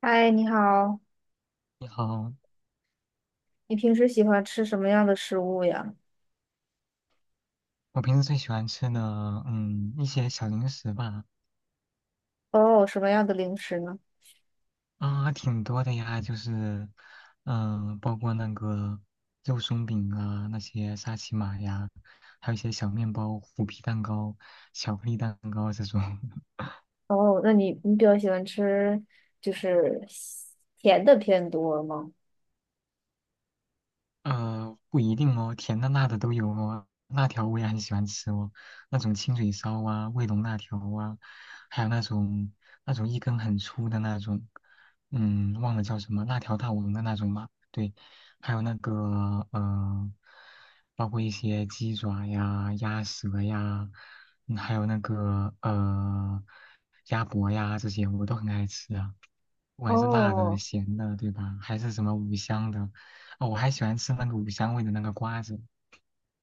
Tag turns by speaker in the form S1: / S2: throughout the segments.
S1: 嗨，你好，
S2: 你好。
S1: 你平时喜欢吃什么样的食物呀？
S2: 我平时最喜欢吃的，一些小零食吧。
S1: 哦，什么样的零食呢？
S2: 啊，挺多的呀，就是，包括那个肉松饼啊，那些沙琪玛呀，还有一些小面包、虎皮蛋糕、巧克力蛋糕这种。
S1: 哦，那你比较喜欢吃就是西甜的偏多吗？
S2: 不一定哦，甜的、辣的都有哦。辣条我也很喜欢吃哦，那种清水烧啊、卫龙辣条啊，还有那种一根很粗的那种。忘了叫什么，辣条大王的那种嘛。对，还有那个包括一些鸡爪呀、鸭舌呀，还有那个鸭脖呀这些，我都很爱吃啊。不管是辣的、
S1: 哦，
S2: 咸的，对吧？还是什么五香的。哦，我还喜欢吃那个五香味的那个瓜子。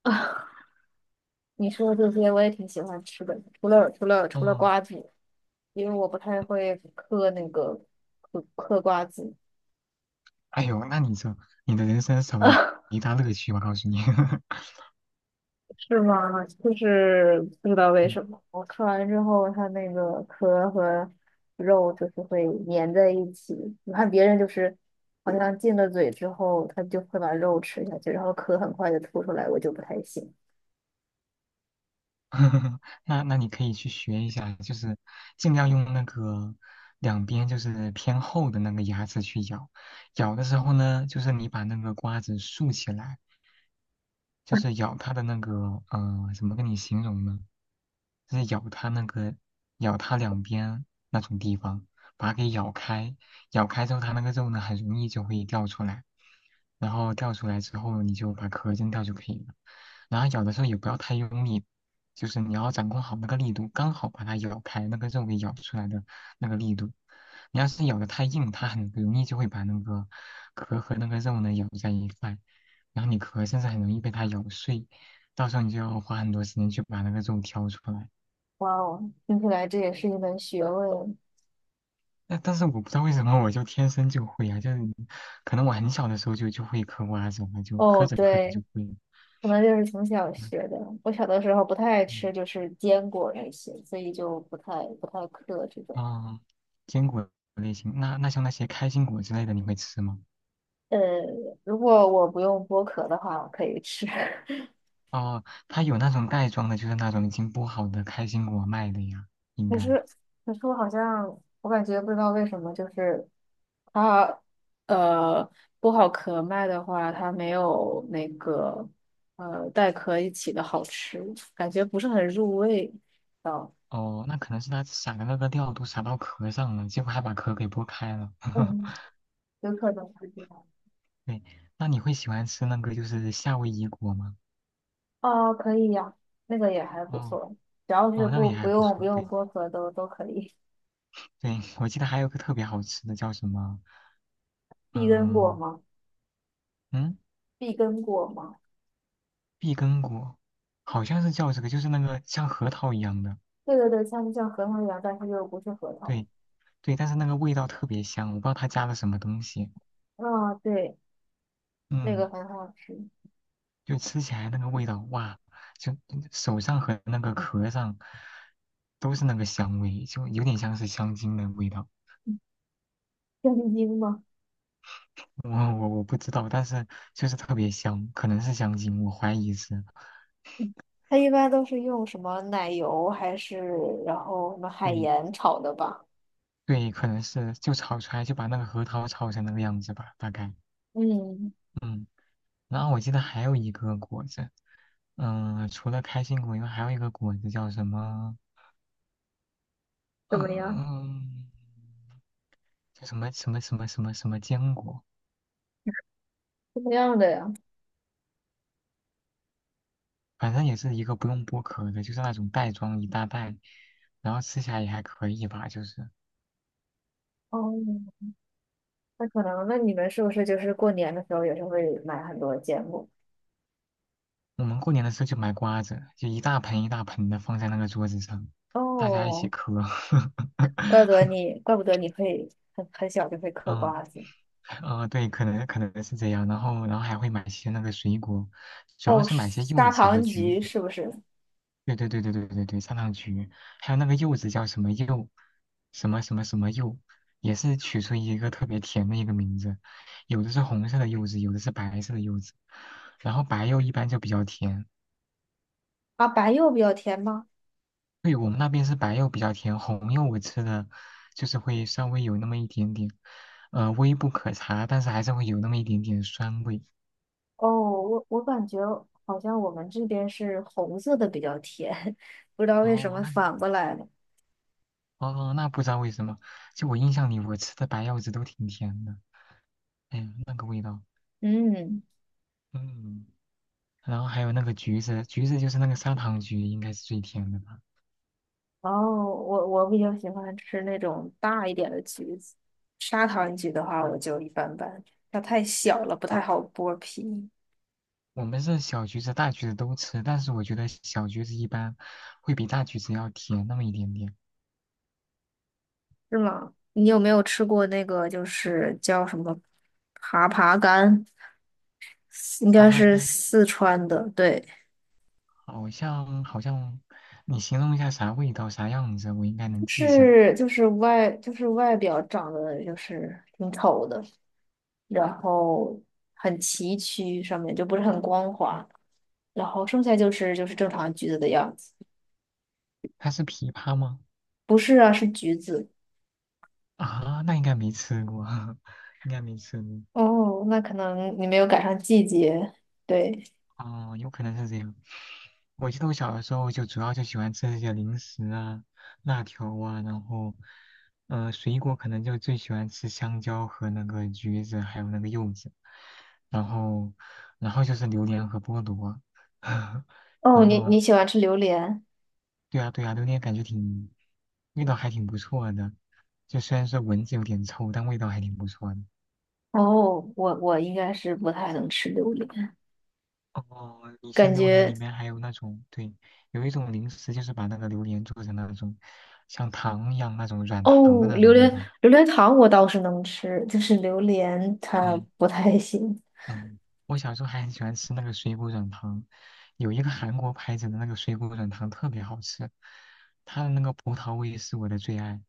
S1: 你说的这些我也挺喜欢吃的，除了
S2: 哦，
S1: 瓜子，因为我不太会嗑那个嗑瓜子。
S2: 哎呦，那你这你的人生少了一 一大乐趣，我告诉你。
S1: 是吗？就是不知道为
S2: 嗯。
S1: 什么，我吃完之后，它那个壳和肉就是会粘在一起。你看别人就是好像进了嘴之后，他就会把肉吃下去，然后壳很快就吐出来，我就不太行。
S2: 那你可以去学一下，就是尽量用那个两边就是偏厚的那个牙齿去咬。咬的时候呢，就是你把那个瓜子竖起来，就是咬它的那个，怎么跟你形容呢？就是咬它那个，咬它两边那种地方，把它给咬开。咬开之后，它那个肉呢，很容易就会掉出来，然后掉出来之后，你就把壳扔掉就可以了。然后咬的时候也不要太用力，就是你要掌控好那个力度，刚好把它咬开，那个肉给咬出来的那个力度。你要是咬的太硬，它很容易就会把那个壳和那个肉呢咬在一块。然后你壳甚至很容易被它咬碎，到时候你就要花很多时间去把那个肉挑出来。
S1: 哇哦，听起来这也是一门学问。
S2: 但是我不知道为什么我就天生就会啊，就是可能我很小的时候就会嗑瓜子了，就嗑
S1: 哦，
S2: 着嗑着
S1: 对，
S2: 就会了。
S1: 可能就是从小
S2: 嗯。
S1: 学的。我小的时候不太爱
S2: 嗯。
S1: 吃，就是坚果那些，所以就不太嗑这种。
S2: 哦，坚果类型。那像那些开心果之类的，你会吃吗？
S1: 呃，如果我不用剥壳的话，我可以吃。
S2: 哦，它有那种袋装的，就是那种已经剥好的开心果卖的呀，应
S1: 可
S2: 该。
S1: 是，可是我好像，我感觉不知道为什么，就是它，呃，剥好壳卖的话，它没有那个，带壳一起的好吃，感觉不是很入味。哦，
S2: 哦，那可能是它撒的那个料都撒到壳上了，结果还把壳给剥开了。
S1: 嗯，有可能是这样。
S2: 对，那你会喜欢吃那个就是夏威夷果吗？
S1: 哦，可以呀，那个也还不
S2: 哦
S1: 错，只要是
S2: 哦，那
S1: 不
S2: 也
S1: 不
S2: 还不
S1: 用不
S2: 错。
S1: 用
S2: 对
S1: 剥壳都可以。
S2: 对，我记得还有个特别好吃的叫什么？
S1: 碧根果
S2: 嗯
S1: 吗？
S2: 嗯。
S1: 碧根果吗？
S2: 碧根果，好像是叫这个，就是那个像核桃一样的。
S1: 对对对，像核桃一样，但是又不是核桃。
S2: 对对，但是那个味道特别香，我不知道它加了什么东西。
S1: 啊、对，那
S2: 嗯，
S1: 个很好吃。
S2: 就吃起来那个味道，哇，就手上和那个壳上都是那个香味，就有点像是香精的味道。
S1: 香精吗？
S2: 我不知道，但是就是特别香，可能是香精，我怀疑是。
S1: 它一般都是用什么奶油还是然后什么海
S2: 对
S1: 盐炒的吧？
S2: 对，可能是就炒出来就把那个核桃炒成那个样子吧，大概。
S1: 嗯，
S2: 嗯，然后我记得还有一个果子，除了开心果以外，还有一个果子叫什么？
S1: 怎么样？
S2: 嗯、叫什么什么什么什么什么坚果，
S1: 是这样的呀。
S2: 反正也是一个不用剥壳的，就是那种袋装一大袋，然后吃起来也还可以吧，就是。
S1: 哦，那可能，那你们是不是就是过年的时候也是会买很多芥末？
S2: 我们过年的时候就买瓜子，就一大盆一大盆的放在那个桌子上，大家一起
S1: 哦，
S2: 嗑。
S1: 怪不得 你，怪不得你会很小就会嗑瓜子。
S2: 对，可能是这样。然后还会买些那个水果，主要
S1: 哦，
S2: 是买些柚
S1: 砂
S2: 子
S1: 糖
S2: 和橘
S1: 橘
S2: 子。
S1: 是不是？
S2: 对对对对对对对，砂糖橘，还有那个柚子叫什么柚，什么什么什么柚，也是取出一个特别甜的一个名字。有的是红色的柚子，有的是白色的柚子。然后白柚一般就比较甜。
S1: 啊，白柚比较甜吗？
S2: 对，我们那边是白柚比较甜，红柚我吃的就是会稍微有那么一点点，微不可察，但是还是会有那么一点点酸味。
S1: 哦，我感觉好像我们这边是红色的比较甜，不知道为什
S2: 哦，
S1: 么
S2: 那
S1: 反过来了。
S2: 哦，那不知道为什么，就我印象里我吃的白柚子都挺甜的，哎呀，那个味道。
S1: 嗯。
S2: 嗯，然后还有那个橘子，橘子就是那个砂糖橘，应该是最甜的吧。
S1: 哦，我比较喜欢吃那种大一点的橘子，砂糖橘的话我就一般般，它太小了不太好剥皮，
S2: 我们是小橘子、大橘子都吃，但是我觉得小橘子一般会比大橘子要甜那么一点点。
S1: 是吗？你有没有吃过那个就是叫什么爬爬柑？应
S2: 爬
S1: 该
S2: 爬
S1: 是
S2: 柑？
S1: 四川的，对，
S2: 好像，你形容一下啥味道啥样子，我应该能记下来。
S1: 是就是外表长得就是挺丑的，然后很崎岖，上面就不是很光滑，然后剩下就是正常橘子的样子。
S2: 它是枇杷吗？
S1: 不是啊，是橘子。
S2: 啊，那应该没吃过，应该没吃过。
S1: 哦，那可能你没有赶上季节。对，
S2: 哦，有可能是这样。我记得我小的时候就主要就喜欢吃这些零食啊、辣条啊，然后，水果可能就最喜欢吃香蕉和那个橘子，还有那个柚子，然后，然后就是榴莲和菠萝。
S1: 哦，
S2: 然
S1: 你你
S2: 后
S1: 喜欢吃榴莲？
S2: 对啊对啊，榴莲感觉挺，味道还挺不错的，就虽然说闻着有点臭，但味道还挺不错的。
S1: 哦，我应该是不太能吃榴莲，
S2: 哦，以
S1: 感
S2: 前榴莲
S1: 觉
S2: 里面还有那种，对，有一种零食就是把那个榴莲做成那种像糖一样那种软糖的
S1: 哦，
S2: 那种味道。
S1: 榴莲糖我倒是能吃，就是榴莲它
S2: 嗯
S1: 不太行。
S2: 嗯，我小时候还很喜欢吃那个水果软糖，有一个韩国牌子的那个水果软糖特别好吃，它的那个葡萄味是我的最爱。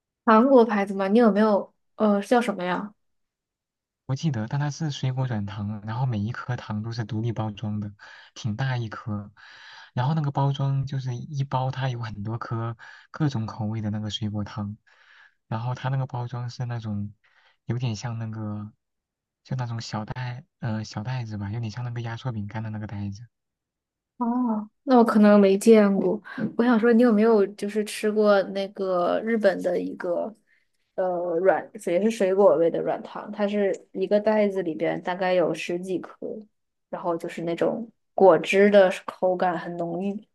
S1: 韩国牌子吗？你有没有叫什么呀？
S2: 我记得，但它是水果软糖，然后每一颗糖都是独立包装的，挺大一颗。然后那个包装就是一包，它有很多颗各种口味的那个水果糖。然后它那个包装是那种有点像那个，就那种小袋，小袋子吧，有点像那个压缩饼干的那个袋子。
S1: 哦，那我可能没见过。我想说，你有没有就是吃过那个日本的一个呃软，也是水果味的软糖？它是一个袋子里边大概有十几颗，然后就是那种果汁的口感很浓郁。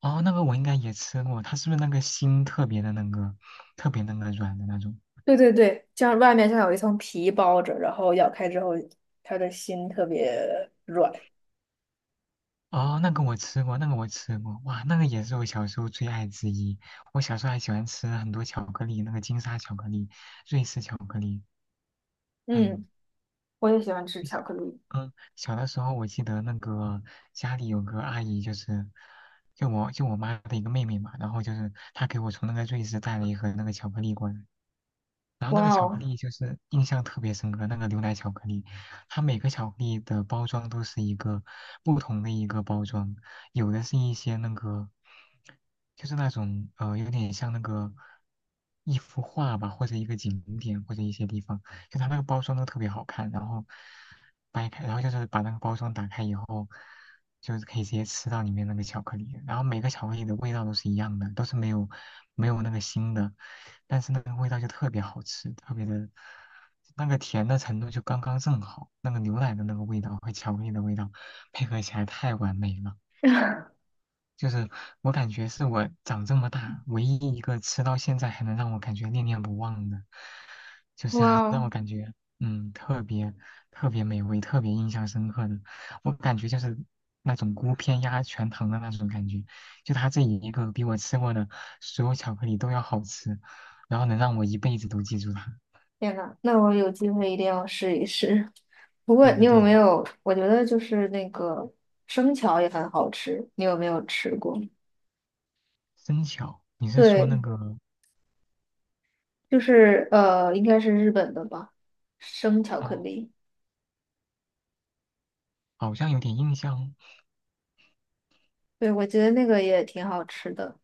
S2: 哦，那个我应该也吃过，它是不是那个心特别的那个，特别那个软的那种？
S1: 对对对，像外面像有一层皮包着，然后咬开之后，它的心特别软。
S2: 哦，那个我吃过，那个我吃过，哇，那个也是我小时候最爱之一。我小时候还喜欢吃很多巧克力，那个金沙巧克力、瑞士巧克力，还有，
S1: 嗯，我也喜欢吃巧克力。
S2: 嗯，小的时候我记得那个家里有个阿姨，就是就我妈的一个妹妹嘛，然后就是她给我从那个瑞士带了一盒那个巧克力过来，
S1: 哇
S2: 巧克
S1: 哦，
S2: 力就是印象特别深刻，那个牛奶巧克力，它每个巧克力的包装都是一个不同的一个包装，有的是一些那个，就是那种有点像那个一幅画吧，或者一个景点或者一些地方，就它那个包装都特别好看，然后掰开，然后就是把那个包装打开以后。就是可以直接吃到里面那个巧克力，然后每个巧克力的味道都是一样的，都是没有那个腥的，但是那个味道就特别好吃，特别的，那个甜的程度就刚刚正好，那个牛奶的那个味道和巧克力的味道配合起来太完美了。就是我感觉是我长这么大唯一一个吃到现在还能让我感觉念念不忘的，就是
S1: 哇
S2: 让我
S1: 哦，
S2: 感觉特别特别美味、特别印象深刻的。我感觉就是那种孤篇压全糖的那种感觉，就它这一个比我吃过的所有巧克力都要好吃，然后能让我一辈子都记住它。
S1: 天呐，那我有机会一定要试一试。不过
S2: 对
S1: 你
S2: 的，
S1: 有
S2: 对的。
S1: 没有？我觉得就是那个生巧也很好吃，你有没有吃过？
S2: 生巧，你是说那
S1: 对，
S2: 个。
S1: 就是应该是日本的吧，生巧克
S2: 哦，
S1: 力。
S2: 好像有点印象哦。
S1: 对，我觉得那个也挺好吃的。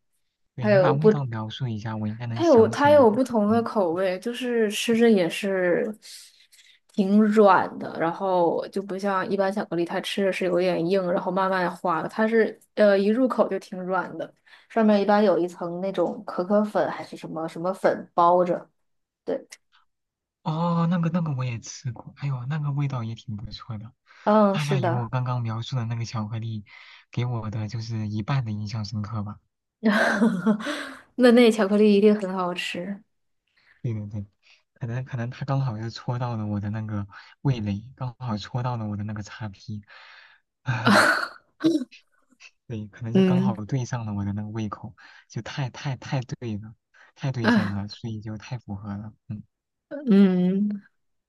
S2: 对，
S1: 还
S2: 你
S1: 有
S2: 把味
S1: 不
S2: 道描述一下，我应该能
S1: 它有
S2: 想起来。我
S1: 不
S2: 可
S1: 同的
S2: 能。
S1: 口味，就是吃着也是挺软的，然后就不像一般巧克力，它吃着是有点硬，然后慢慢化的。它是一入口就挺软的，上面一般有一层那种可可粉还是什么什么粉包着。
S2: 哦，那个我也吃过，哎呦，那个味道也挺不错的，
S1: 嗯，
S2: 大
S1: 是
S2: 概有我
S1: 的，
S2: 刚刚描述的那个巧克力给我的就是一半的印象深刻吧。
S1: 那那巧克力一定很好吃。
S2: 对对对，可能它刚好就戳到了我的那个味蕾，刚好戳到了我的那个叉 P。啊，对，可能就刚好
S1: 嗯
S2: 对上了我的那个胃口，就太太太对了，太对上
S1: 啊
S2: 了，所以就太符合了。嗯
S1: 嗯，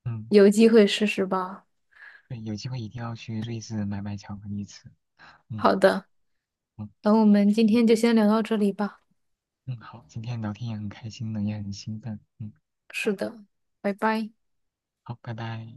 S2: 嗯，
S1: 有机会试试吧。
S2: 对，有机会一定要去瑞士买买巧克力吃。嗯。嗯
S1: 好的，那我们今天就先聊到这里吧。
S2: 嗯，好，今天聊天也很开心呢，也很兴奋。嗯，
S1: 是的，拜拜。
S2: 好，拜拜。